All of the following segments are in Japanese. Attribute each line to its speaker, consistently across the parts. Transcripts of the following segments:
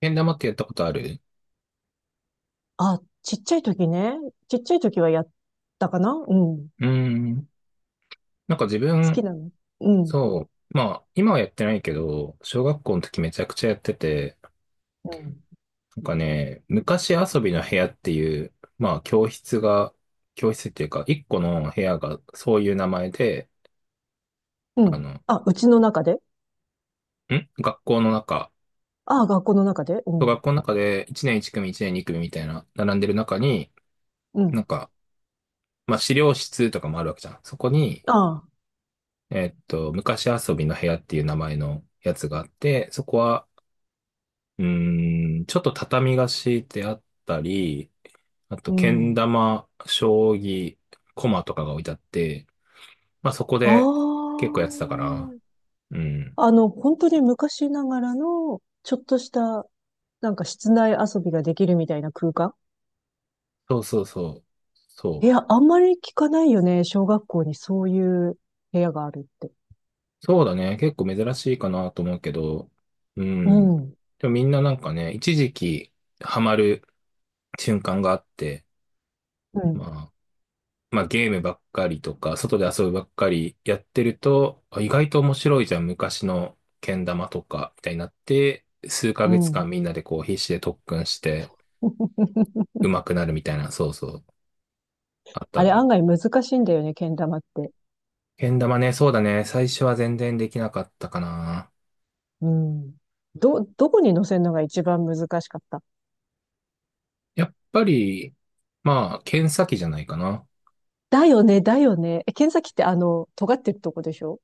Speaker 1: けん玉ってやったことある？
Speaker 2: あ、ちっちゃい時ね。ちっちゃい時はやったかなうん。
Speaker 1: うーん。なんか自
Speaker 2: 好き
Speaker 1: 分、
Speaker 2: なのうん。
Speaker 1: そう。まあ、今はやってないけど、小学校の時めちゃくちゃやってて、
Speaker 2: うん。
Speaker 1: なんかね、昔遊びの部屋っていう、まあ、教室が、教室っていうか、一個の部屋がそういう名前で、
Speaker 2: う
Speaker 1: あ
Speaker 2: ん。
Speaker 1: の、ん
Speaker 2: あ、うちの中で。
Speaker 1: 学校の中、
Speaker 2: あ、学校の中でう
Speaker 1: 小
Speaker 2: ん。
Speaker 1: 学校の中で1年1組、1年2組みたいな、並んでる中に、
Speaker 2: う
Speaker 1: なん
Speaker 2: ん。
Speaker 1: か、まあ、資料室とかもあるわけじゃん。そこに、
Speaker 2: あ、
Speaker 1: 昔遊びの部屋っていう名前のやつがあって、そこは、ちょっと畳が敷いてあったり、あと、
Speaker 2: う
Speaker 1: けん
Speaker 2: ん。
Speaker 1: 玉、将棋、駒とかが置いてあって、まあそこで
Speaker 2: あ
Speaker 1: 結構やってたから、うん。
Speaker 2: あ。本当に昔ながらの、ちょっとした、室内遊びができるみたいな空間。
Speaker 1: そうそうそう。
Speaker 2: い
Speaker 1: そう。
Speaker 2: や、あんまり聞かないよね。小学校にそういう部屋があるって。
Speaker 1: そうだね。結構珍しいかなと思うけど、う
Speaker 2: う
Speaker 1: ん。
Speaker 2: ん。
Speaker 1: でもみんななんかね、一時期ハマる瞬間があって、
Speaker 2: う
Speaker 1: ま
Speaker 2: ん。
Speaker 1: あ、まあ、ゲームばっかりとか、外で遊ぶばっかりやってると、あ意外と面白いじゃん、昔のけん玉とか、みたいになって、数ヶ
Speaker 2: う
Speaker 1: 月間
Speaker 2: ん。
Speaker 1: みんなでこう必死で特訓して 上手くなるみたいな、そうそう、あった
Speaker 2: あ
Speaker 1: ん
Speaker 2: れ
Speaker 1: で。
Speaker 2: 案外難しいんだよね、けん玉って。
Speaker 1: けん玉ね、そうだね、最初は全然できなかったかな。
Speaker 2: うん。どこに乗せるのが一番難しかった？
Speaker 1: やっぱり、まあ、剣先じゃないかな。
Speaker 2: だよね、だよね。え、剣先って尖ってるとこでしょ？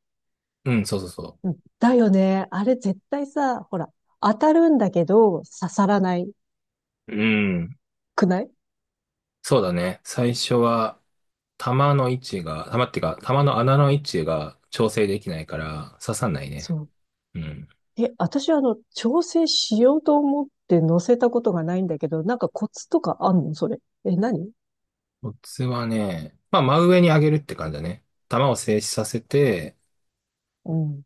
Speaker 1: うん、そうそうそ
Speaker 2: うん。だよね。あれ絶対さ、ほら、当たるんだけど、刺さらない
Speaker 1: う。うん、
Speaker 2: くない？
Speaker 1: そうだね、最初は、玉の位置が、玉っていうか、玉の穴の位置が調整できないから刺さんない
Speaker 2: そ
Speaker 1: ね。
Speaker 2: う。
Speaker 1: うん。
Speaker 2: え、私調整しようと思って乗せたことがないんだけど、コツとかあんのそれ。え、何？
Speaker 1: コツはね、まあ、真上に上げるって感じだね。球を静止させて、
Speaker 2: うん、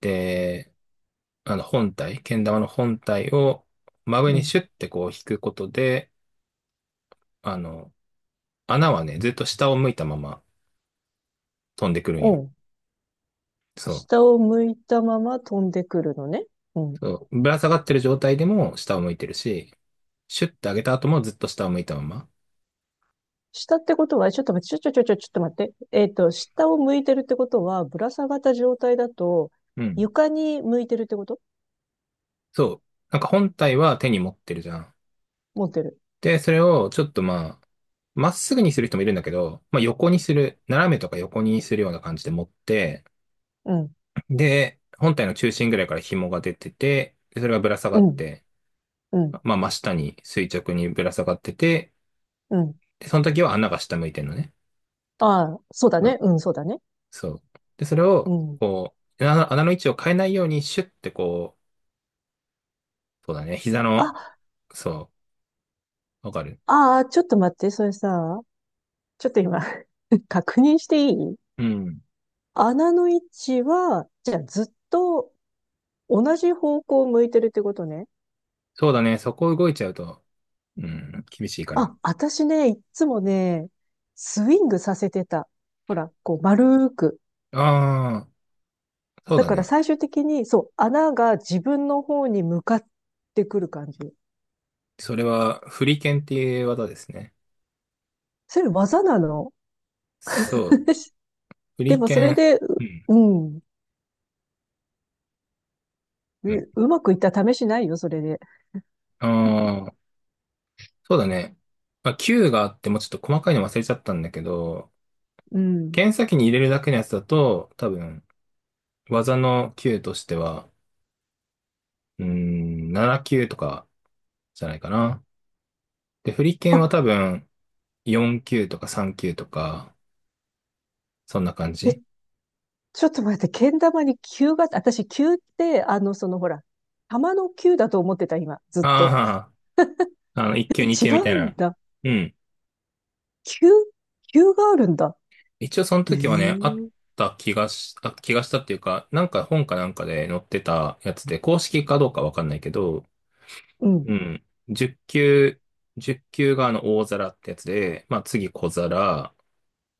Speaker 1: で、あの、本体、けん玉の本体を真上
Speaker 2: う
Speaker 1: に
Speaker 2: ん、
Speaker 1: シュッてこう引くことで、あの、穴はね、ずっと下を向いたまま飛んでくるん
Speaker 2: う
Speaker 1: よ。
Speaker 2: ん。
Speaker 1: そう。
Speaker 2: 下を向いたまま飛んでくるのね。うん。
Speaker 1: そう。ぶら下がってる状態でも下を向いてるし、シュッて上げた後もずっと下を向いたまま。
Speaker 2: 下ってことは、ちょっと待って、ちょっと待って。下を向いてるってことは、ぶら下がった状態だと、
Speaker 1: うん。
Speaker 2: 床に向いてるってこと？
Speaker 1: そう。なんか本体は手に持ってるじゃん。
Speaker 2: 持ってる。
Speaker 1: で、それをちょっとまあ、まっすぐにする人もいるんだけど、まあ、横にする、斜めとか横にするような感じで持って、
Speaker 2: うん、
Speaker 1: で、本体の中心ぐらいから紐が出てて、でそれがぶら下が
Speaker 2: う
Speaker 1: っ
Speaker 2: ん、
Speaker 1: て、
Speaker 2: うん、
Speaker 1: まあ、真下に垂直にぶら下がってて、
Speaker 2: うん。
Speaker 1: で、その時は穴が下向いてんのね。
Speaker 2: ああ、そうだ
Speaker 1: そう
Speaker 2: ね。うん、そうだね。
Speaker 1: そう。で、それ
Speaker 2: う
Speaker 1: を、
Speaker 2: ん。
Speaker 1: こう、穴の位置を変えないようにシュッてこう、そうだね、膝の、
Speaker 2: あ、
Speaker 1: そう、わかる。
Speaker 2: ああ、ちょっと待って、それさ、ちょっと今 確認していい？
Speaker 1: うん。
Speaker 2: 穴の位置は、じゃあずっと同じ方向を向いてるってことね。
Speaker 1: そうだね、そこ動いちゃうと、うん、厳しいから。
Speaker 2: あ、私ね、いっつもね、スイングさせてた。ほら、こう、丸く。
Speaker 1: ああ、そう
Speaker 2: だ
Speaker 1: だ
Speaker 2: から
Speaker 1: ね。
Speaker 2: 最終的に、そう、穴が自分の方に向かってくる感じ。
Speaker 1: それは、フリケンっていう技ですね。
Speaker 2: それ技なの？
Speaker 1: そう。手
Speaker 2: で
Speaker 1: 裏
Speaker 2: もそれ
Speaker 1: 剣。
Speaker 2: で、
Speaker 1: うん。
Speaker 2: うん、
Speaker 1: うん。
Speaker 2: う、うまくいった試しないよ、それで。
Speaker 1: ああ、そうだね。まあ、球があってもちょっと細かいの忘れちゃったんだけど、
Speaker 2: うん。
Speaker 1: 剣先に入れるだけのやつだと、多分、技の球としては、7球とかじゃないかな。で、振り剣は多
Speaker 2: あ、
Speaker 1: 分、4球とか3球とか、そんな感
Speaker 2: え、
Speaker 1: じ。
Speaker 2: ちょっと待って、けん玉に球が、私、球って、そのほら、玉の球だと思ってた、今、ずっと。
Speaker 1: ああ、あの、1
Speaker 2: え、
Speaker 1: 球2
Speaker 2: 違
Speaker 1: 球みたい
Speaker 2: うん
Speaker 1: な。
Speaker 2: だ。
Speaker 1: うん。
Speaker 2: 球、球があるんだ。
Speaker 1: 一応その
Speaker 2: ええ
Speaker 1: 時はね、あっ
Speaker 2: ー、
Speaker 1: た気がし、あ、気がしたっていうか、なんか本かなんかで載ってたやつで、公式かどうかわかんないけど、
Speaker 2: うん、
Speaker 1: うん。10級、1級があの大皿ってやつで、まあ次小皿、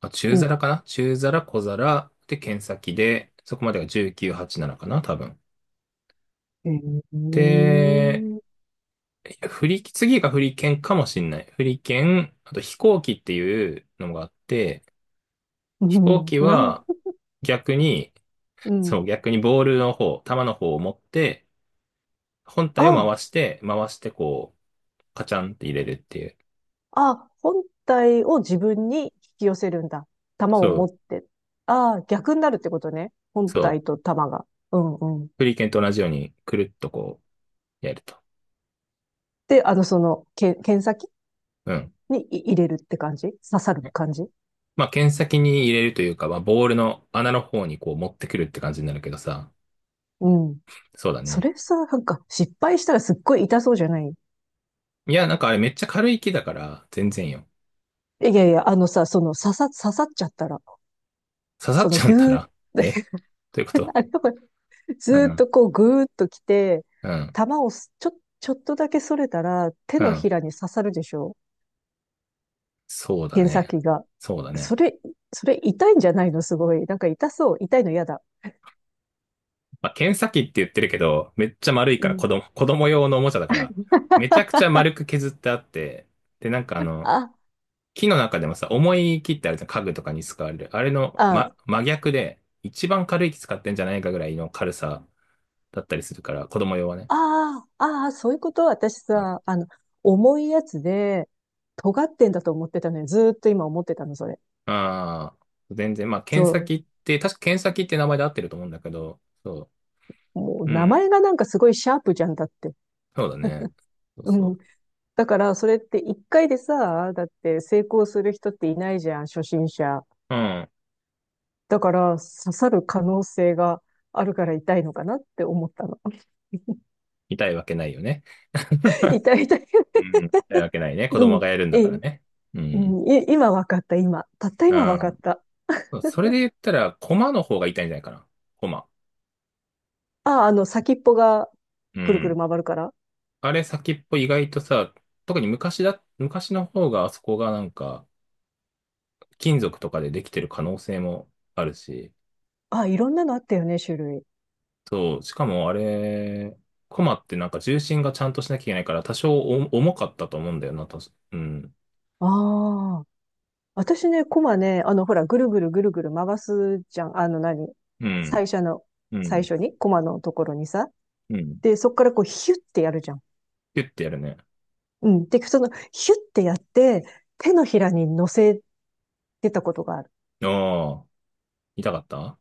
Speaker 1: あ、
Speaker 2: う
Speaker 1: 中
Speaker 2: ん。
Speaker 1: 皿かな中皿、小皿で剣先で、そこまでが1987かな多分。
Speaker 2: ええ
Speaker 1: で、
Speaker 2: ー、
Speaker 1: いや、次が振り剣かもしんない。振り剣、あと飛行機っていうのがあって、
Speaker 2: う
Speaker 1: 飛行
Speaker 2: ん、
Speaker 1: 機
Speaker 2: なん、
Speaker 1: は逆に、
Speaker 2: うん。
Speaker 1: そう、逆にボールの方、球の方を持って、本
Speaker 2: あ
Speaker 1: 体を回
Speaker 2: あ、
Speaker 1: して、回してこう、カチャンって入れるっていう。
Speaker 2: あ、本体を自分に引き寄せるんだ。玉を
Speaker 1: そ
Speaker 2: 持
Speaker 1: う、
Speaker 2: って。ああ、逆になるってことね。本
Speaker 1: そ
Speaker 2: 体
Speaker 1: う。
Speaker 2: と玉が。うんうん。
Speaker 1: フリーケンと同じように、くるっとこう、やると。
Speaker 2: で、剣先
Speaker 1: うん。
Speaker 2: にい入れるって感じ？刺さる感じ？
Speaker 1: まあ、剣先に入れるというか、まあ、ボールの穴の方にこう持ってくるって感じになるけどさ。
Speaker 2: うん。
Speaker 1: そうだ
Speaker 2: そ
Speaker 1: ね。
Speaker 2: れさ、失敗したらすっごい痛そうじゃない？
Speaker 1: いや、なんかあれめっちゃ軽い木だから、全然よ。
Speaker 2: いやいや、あのさ、刺さっちゃったら、
Speaker 1: 刺さっ
Speaker 2: その
Speaker 1: ちゃった
Speaker 2: ぐーっ、
Speaker 1: ら、えということ？
Speaker 2: あれ、ず
Speaker 1: う
Speaker 2: ーっ
Speaker 1: ん、
Speaker 2: とこうぐーっと来て、
Speaker 1: うん、
Speaker 2: 玉をすちょ、ちょっとだけそれたら、手
Speaker 1: う
Speaker 2: のひ
Speaker 1: ん。
Speaker 2: らに刺さるでしょ？
Speaker 1: そうだ
Speaker 2: 検査
Speaker 1: ね。
Speaker 2: 機が。
Speaker 1: そうだね。
Speaker 2: それ、それ痛いんじゃないの？すごい。なんか痛そう。痛いの嫌だ。
Speaker 1: まあ、検査機って言ってるけど、めっちゃ丸い
Speaker 2: う
Speaker 1: から、
Speaker 2: ん。
Speaker 1: 子供用のおもちゃだから、めちゃくちゃ丸く削ってあって、で、なんか、
Speaker 2: あ、
Speaker 1: 木の中でもさ、重い木ってあるじゃん、家具とかに使われる。あれの、
Speaker 2: あ、
Speaker 1: 真逆で、一番軽い木使ってんじゃないかぐらいの軽さだったりするから、子供用はね。
Speaker 2: ああ、ああ、そういうこと。私
Speaker 1: うん。
Speaker 2: さ、あの、重いやつで、尖ってんだと思ってたのよ。ずーっと今思ってたの、それ。
Speaker 1: ああ、全然、まあ、検査
Speaker 2: そ
Speaker 1: 機って、確か検査機って名前で合ってると思うんだけど、そ
Speaker 2: う。もう
Speaker 1: う、う
Speaker 2: 名
Speaker 1: ん、
Speaker 2: 前がなんかすごいシャープじゃんだって。
Speaker 1: そうだね。そうそ
Speaker 2: う
Speaker 1: う。
Speaker 2: ん。だから、それって一回でさ、だって成功する人っていないじゃん、初心者。
Speaker 1: うん、
Speaker 2: だから、刺さる可能性があるから痛いのかなって思ったの。
Speaker 1: 痛いわけないよね。
Speaker 2: 痛い痛い。
Speaker 1: うん、痛いわけないね。子
Speaker 2: う
Speaker 1: 供
Speaker 2: ん。
Speaker 1: がやるんだ
Speaker 2: え
Speaker 1: か
Speaker 2: い、
Speaker 1: らね。う
Speaker 2: う
Speaker 1: ん。
Speaker 2: ん、今わかった、今。たった今わ
Speaker 1: あ
Speaker 2: かった。
Speaker 1: あ、それで言ったら、コマの方が痛いんじゃないかな。コマ。
Speaker 2: あ、あの、先っぽが
Speaker 1: う
Speaker 2: くるくる
Speaker 1: ん。
Speaker 2: 回るから。
Speaker 1: あれ先っぽ意外とさ、特に昔の方があそこがなんか、金属とかでできてる可能性もあるし、
Speaker 2: あ、いろんなのあったよね、種類。
Speaker 1: そう、しかもあれ、コマってなんか重心がちゃんとしなきゃいけないから、多少お重かったと思うんだよな、うん。
Speaker 2: ああ。私ね、コマね、あの、ほら、ぐるぐるぐるぐる回すじゃん。あの何、
Speaker 1: うん。
Speaker 2: 最初の、
Speaker 1: う
Speaker 2: 最
Speaker 1: ん。
Speaker 2: 初に、コマのところにさ。
Speaker 1: うん。
Speaker 2: で、そこからこう、ヒュッてやるじゃん。
Speaker 1: ピュッてやるね。
Speaker 2: うん。で、その、ヒュッてやって、手のひらに乗せてたことがある。
Speaker 1: ああ、痛かった？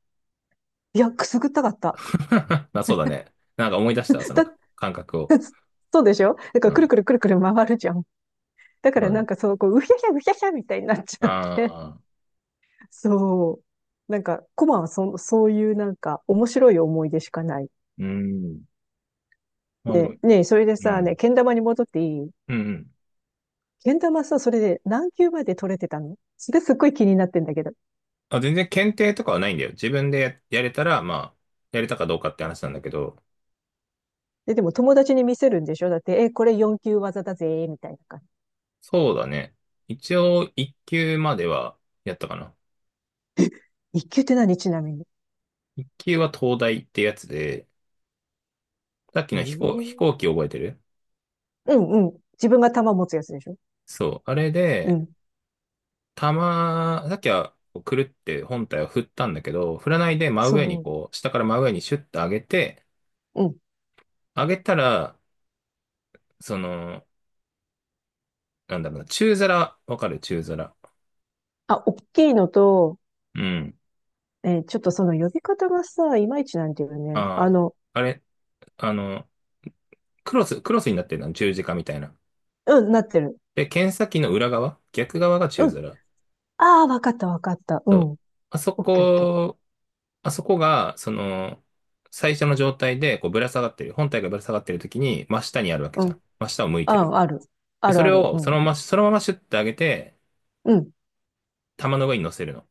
Speaker 2: いや、くすぐったかった。
Speaker 1: あ、そうだね。なんか思い出したわ、その
Speaker 2: だ、
Speaker 1: 感覚を。
Speaker 2: そうでしょ？だか
Speaker 1: う
Speaker 2: ら、くる
Speaker 1: ん。
Speaker 2: くるくるくる回るじゃん。だか
Speaker 1: そう
Speaker 2: ら
Speaker 1: だ
Speaker 2: なん
Speaker 1: ね。
Speaker 2: かそう、こう、うひゃひゃ、うひゃひゃみたいになっちゃって、
Speaker 1: ああ。
Speaker 2: そう。なんか、コマはそ、そういうなんか、面白い思い出しかない。
Speaker 1: うん。まあでも、
Speaker 2: それで
Speaker 1: う
Speaker 2: さ、
Speaker 1: ん。
Speaker 2: ね、けん玉に戻っていい？
Speaker 1: うんうん。
Speaker 2: けん玉さ、それで何級まで取れてたの？それすっごい気になってんだけど。
Speaker 1: あ、全然検定とかはないんだよ。自分でやれたら、まあ、やれたかどうかって話なんだけど、
Speaker 2: でも友達に見せるんでしょ？だって、え、これ4級技だぜ、みたいな感
Speaker 1: そうだね。一応、一級まではやったかな。
Speaker 2: じ。1級って何ちなみに。
Speaker 1: 一級は東大ってやつで、さっきの飛
Speaker 2: ええ、
Speaker 1: 行機覚えてる？
Speaker 2: うんうん。自分が玉持つやつでしょ？
Speaker 1: そう。あれ
Speaker 2: う
Speaker 1: で、
Speaker 2: ん。
Speaker 1: さっきは、こうくるって本体を振ったんだけど、振らないで真上に
Speaker 2: そ
Speaker 1: こう、下から真上にシュッと上げて、
Speaker 2: う。うん。
Speaker 1: 上げたら、その、なんだろうな、中皿、わかる中皿？
Speaker 2: あ、大きいのと、
Speaker 1: うん。
Speaker 2: えー、ちょっとその呼び方がさ、いまいちなんだよね。あ
Speaker 1: あ
Speaker 2: の、
Speaker 1: あ、あれ、あの、クロスになってるの、十字架みたいな。
Speaker 2: うん、なってる。
Speaker 1: で、剣先の裏側、逆側が宙
Speaker 2: うん。
Speaker 1: づら。
Speaker 2: ああ、わかったわかった。うん。
Speaker 1: あそ
Speaker 2: オッケーオッケー。
Speaker 1: こ、あそこが、最初の状態で、こう、ぶら下がってる。本体がぶら下がってる時に、真下にあるわけ
Speaker 2: う
Speaker 1: じゃん。
Speaker 2: ん。
Speaker 1: 真下を向いて
Speaker 2: あ
Speaker 1: る。
Speaker 2: あ、ある。
Speaker 1: で、
Speaker 2: あ
Speaker 1: そ
Speaker 2: る
Speaker 1: れ
Speaker 2: ある。う
Speaker 1: を、その
Speaker 2: ん。
Speaker 1: まま、そのままシュッて上げて、
Speaker 2: うん。
Speaker 1: 玉の上に乗せるの。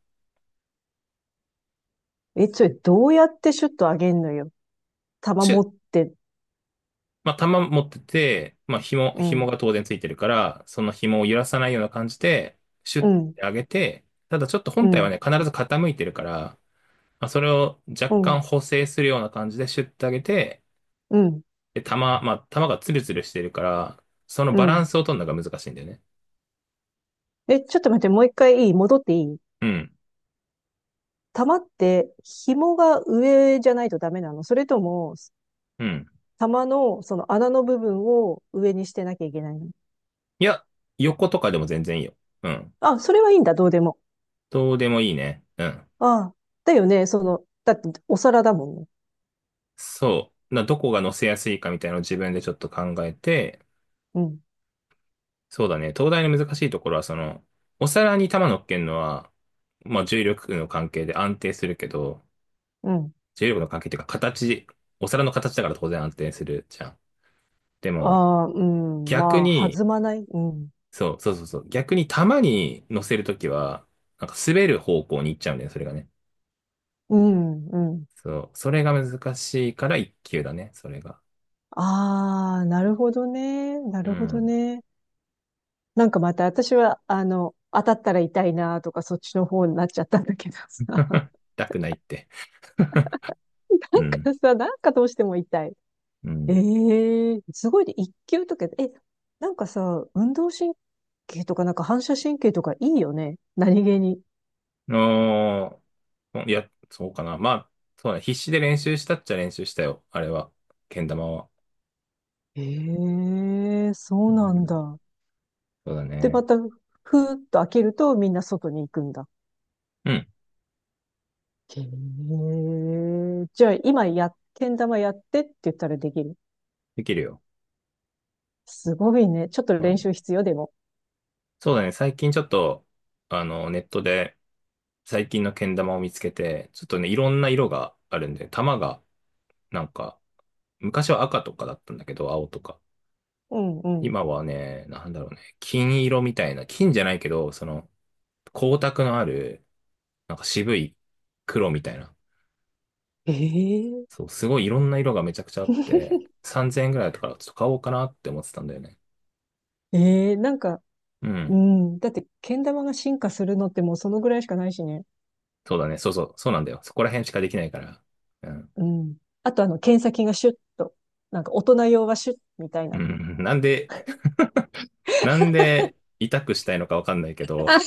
Speaker 2: え、それどうやってシュッと上げんのよ。玉
Speaker 1: シュ
Speaker 2: 持
Speaker 1: ッ、
Speaker 2: って。
Speaker 1: まあ、玉持ってて、まあ、紐、
Speaker 2: う
Speaker 1: 紐
Speaker 2: ん。
Speaker 1: が当然ついてるから、その紐を揺らさないような感じで、シュッ
Speaker 2: う
Speaker 1: て
Speaker 2: ん。
Speaker 1: 上げて、ただちょっと
Speaker 2: う
Speaker 1: 本体は
Speaker 2: ん。
Speaker 1: ね、必ず傾いてるから、まあ、それを
Speaker 2: う
Speaker 1: 若
Speaker 2: ん。
Speaker 1: 干補正するような感じでシュッて上げて、
Speaker 2: うん。
Speaker 1: で、玉、まあ、玉がツルツルしてるから、その
Speaker 2: う
Speaker 1: バラン
Speaker 2: ん。
Speaker 1: スを取るのが難しいんだよね。
Speaker 2: え、ちょっと待って、もう一回いい？戻っていい？
Speaker 1: うん。
Speaker 2: 玉って紐が上じゃないとダメなの？それとも、
Speaker 1: うん。
Speaker 2: 玉のその穴の部分を上にしてなきゃいけないの？
Speaker 1: いや、横とかでも全然いいよ。うん。
Speaker 2: あ、それはいいんだ、どうでも。
Speaker 1: どうでもいいね。うん。
Speaker 2: ああ、だよね。その、だってお皿だもんね。
Speaker 1: そう。どこが乗せやすいかみたいなのを自分でちょっと考えて、
Speaker 2: うん、
Speaker 1: そうだね。東大の難しいところは、お皿に玉乗っけるのは、まあ、重力の関係で安定するけど、
Speaker 2: うん。
Speaker 1: 重力の関係っていうか、形、お皿の形だから当然安定するじゃん。で
Speaker 2: あ
Speaker 1: も、
Speaker 2: あ、うん。
Speaker 1: 逆
Speaker 2: まあ、
Speaker 1: に、
Speaker 2: 弾まない。うん。
Speaker 1: そう、そうそうそう。逆に球に乗せるときは、なんか滑る方向に行っちゃうんだよね、それがね。
Speaker 2: うん、うん。
Speaker 1: そう、それが難しいから一級だね、それが。
Speaker 2: ああ、なるほどね。な
Speaker 1: う
Speaker 2: るほど
Speaker 1: ん。
Speaker 2: ね。なんかまた私は、あの、当たったら痛いなとか、そっちの方になっちゃったんだけどさ。なん
Speaker 1: 痛くないって。うん。
Speaker 2: かさ、なんかどうしても痛い。
Speaker 1: う
Speaker 2: え
Speaker 1: ん。
Speaker 2: え、すごいね。一級とか、え、なんかさ、運動神経とか、なんか反射神経とかいいよね。何気に。
Speaker 1: あいや、そうかな。まあ、そうだね。必死で練習したっちゃ練習したよ、あれは。けん玉は。
Speaker 2: ええ、そ
Speaker 1: う
Speaker 2: うなん
Speaker 1: ん。
Speaker 2: だ。
Speaker 1: そうだ
Speaker 2: で、ま
Speaker 1: ね。
Speaker 2: た、ふーっと開けるとみんな外に行くんだ。
Speaker 1: うん。
Speaker 2: へー、じゃあ今や、けん玉やってって言ったらできる？
Speaker 1: できるよ。
Speaker 2: すごいね。ちょっと
Speaker 1: う
Speaker 2: 練
Speaker 1: ん。
Speaker 2: 習必要でも。
Speaker 1: そうだね。最近ちょっと、ネットで、最近のけん玉を見つけて、ちょっとね、いろんな色があるんで、玉が、なんか、昔は赤とかだったんだけど、青とか。
Speaker 2: うんうん。
Speaker 1: 今はね、なんだろうね、金色みたいな、金じゃないけど、光沢のある、なんか渋い黒みたいな。
Speaker 2: えー、
Speaker 1: そう、すごいいろんな色がめちゃくちゃあって、3000円ぐらいだったから、ちょっと買おうかなって思ってたんだよね。
Speaker 2: えー、なんか、
Speaker 1: う
Speaker 2: う
Speaker 1: ん。
Speaker 2: ん。だって、けん玉が進化するのってもうそのぐらいしかないしね。
Speaker 1: そうだね、そうそう、そうなんだよ。そこら辺しかできないから。うん。
Speaker 2: うん。あとあの、剣先がシュッと。なんか大人用はシュッみたい
Speaker 1: う
Speaker 2: な。
Speaker 1: ん。なんで、痛くしたいのかわかんないけ ど、
Speaker 2: あ、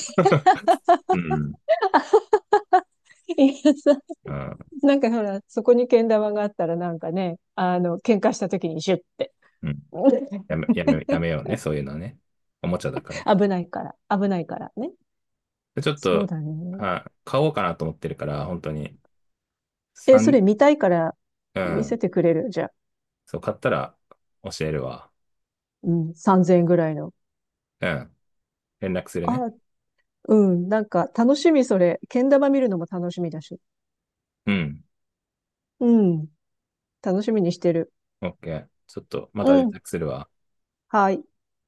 Speaker 1: うん。
Speaker 2: いやさ、
Speaker 1: うん
Speaker 2: なんかほら、そこにけん玉があったらなんかね、あの、喧嘩した時にシュッって。
Speaker 1: うん。や め、やめ、やめようね、そういうのはね。おもちゃだから。
Speaker 2: 危ないから、危ないからね。
Speaker 1: でちょっ
Speaker 2: そう
Speaker 1: と、
Speaker 2: だね。
Speaker 1: はい、買おうかなと思ってるから、本当に、
Speaker 2: え、それ
Speaker 1: 三、
Speaker 2: 見たいから
Speaker 1: う
Speaker 2: 見
Speaker 1: ん、
Speaker 2: せてくれる？じゃあ。
Speaker 1: そう、買ったら教えるわ。
Speaker 2: うん、3000円ぐらいの。
Speaker 1: うん、連絡するね。
Speaker 2: あ、うん、なんか楽しみそれ。けん玉見るのも楽しみだし。
Speaker 1: うん、
Speaker 2: うん、楽しみにしてる。
Speaker 1: オッケー。ちょっと、また連
Speaker 2: うん、
Speaker 1: 絡するわ。
Speaker 2: はい。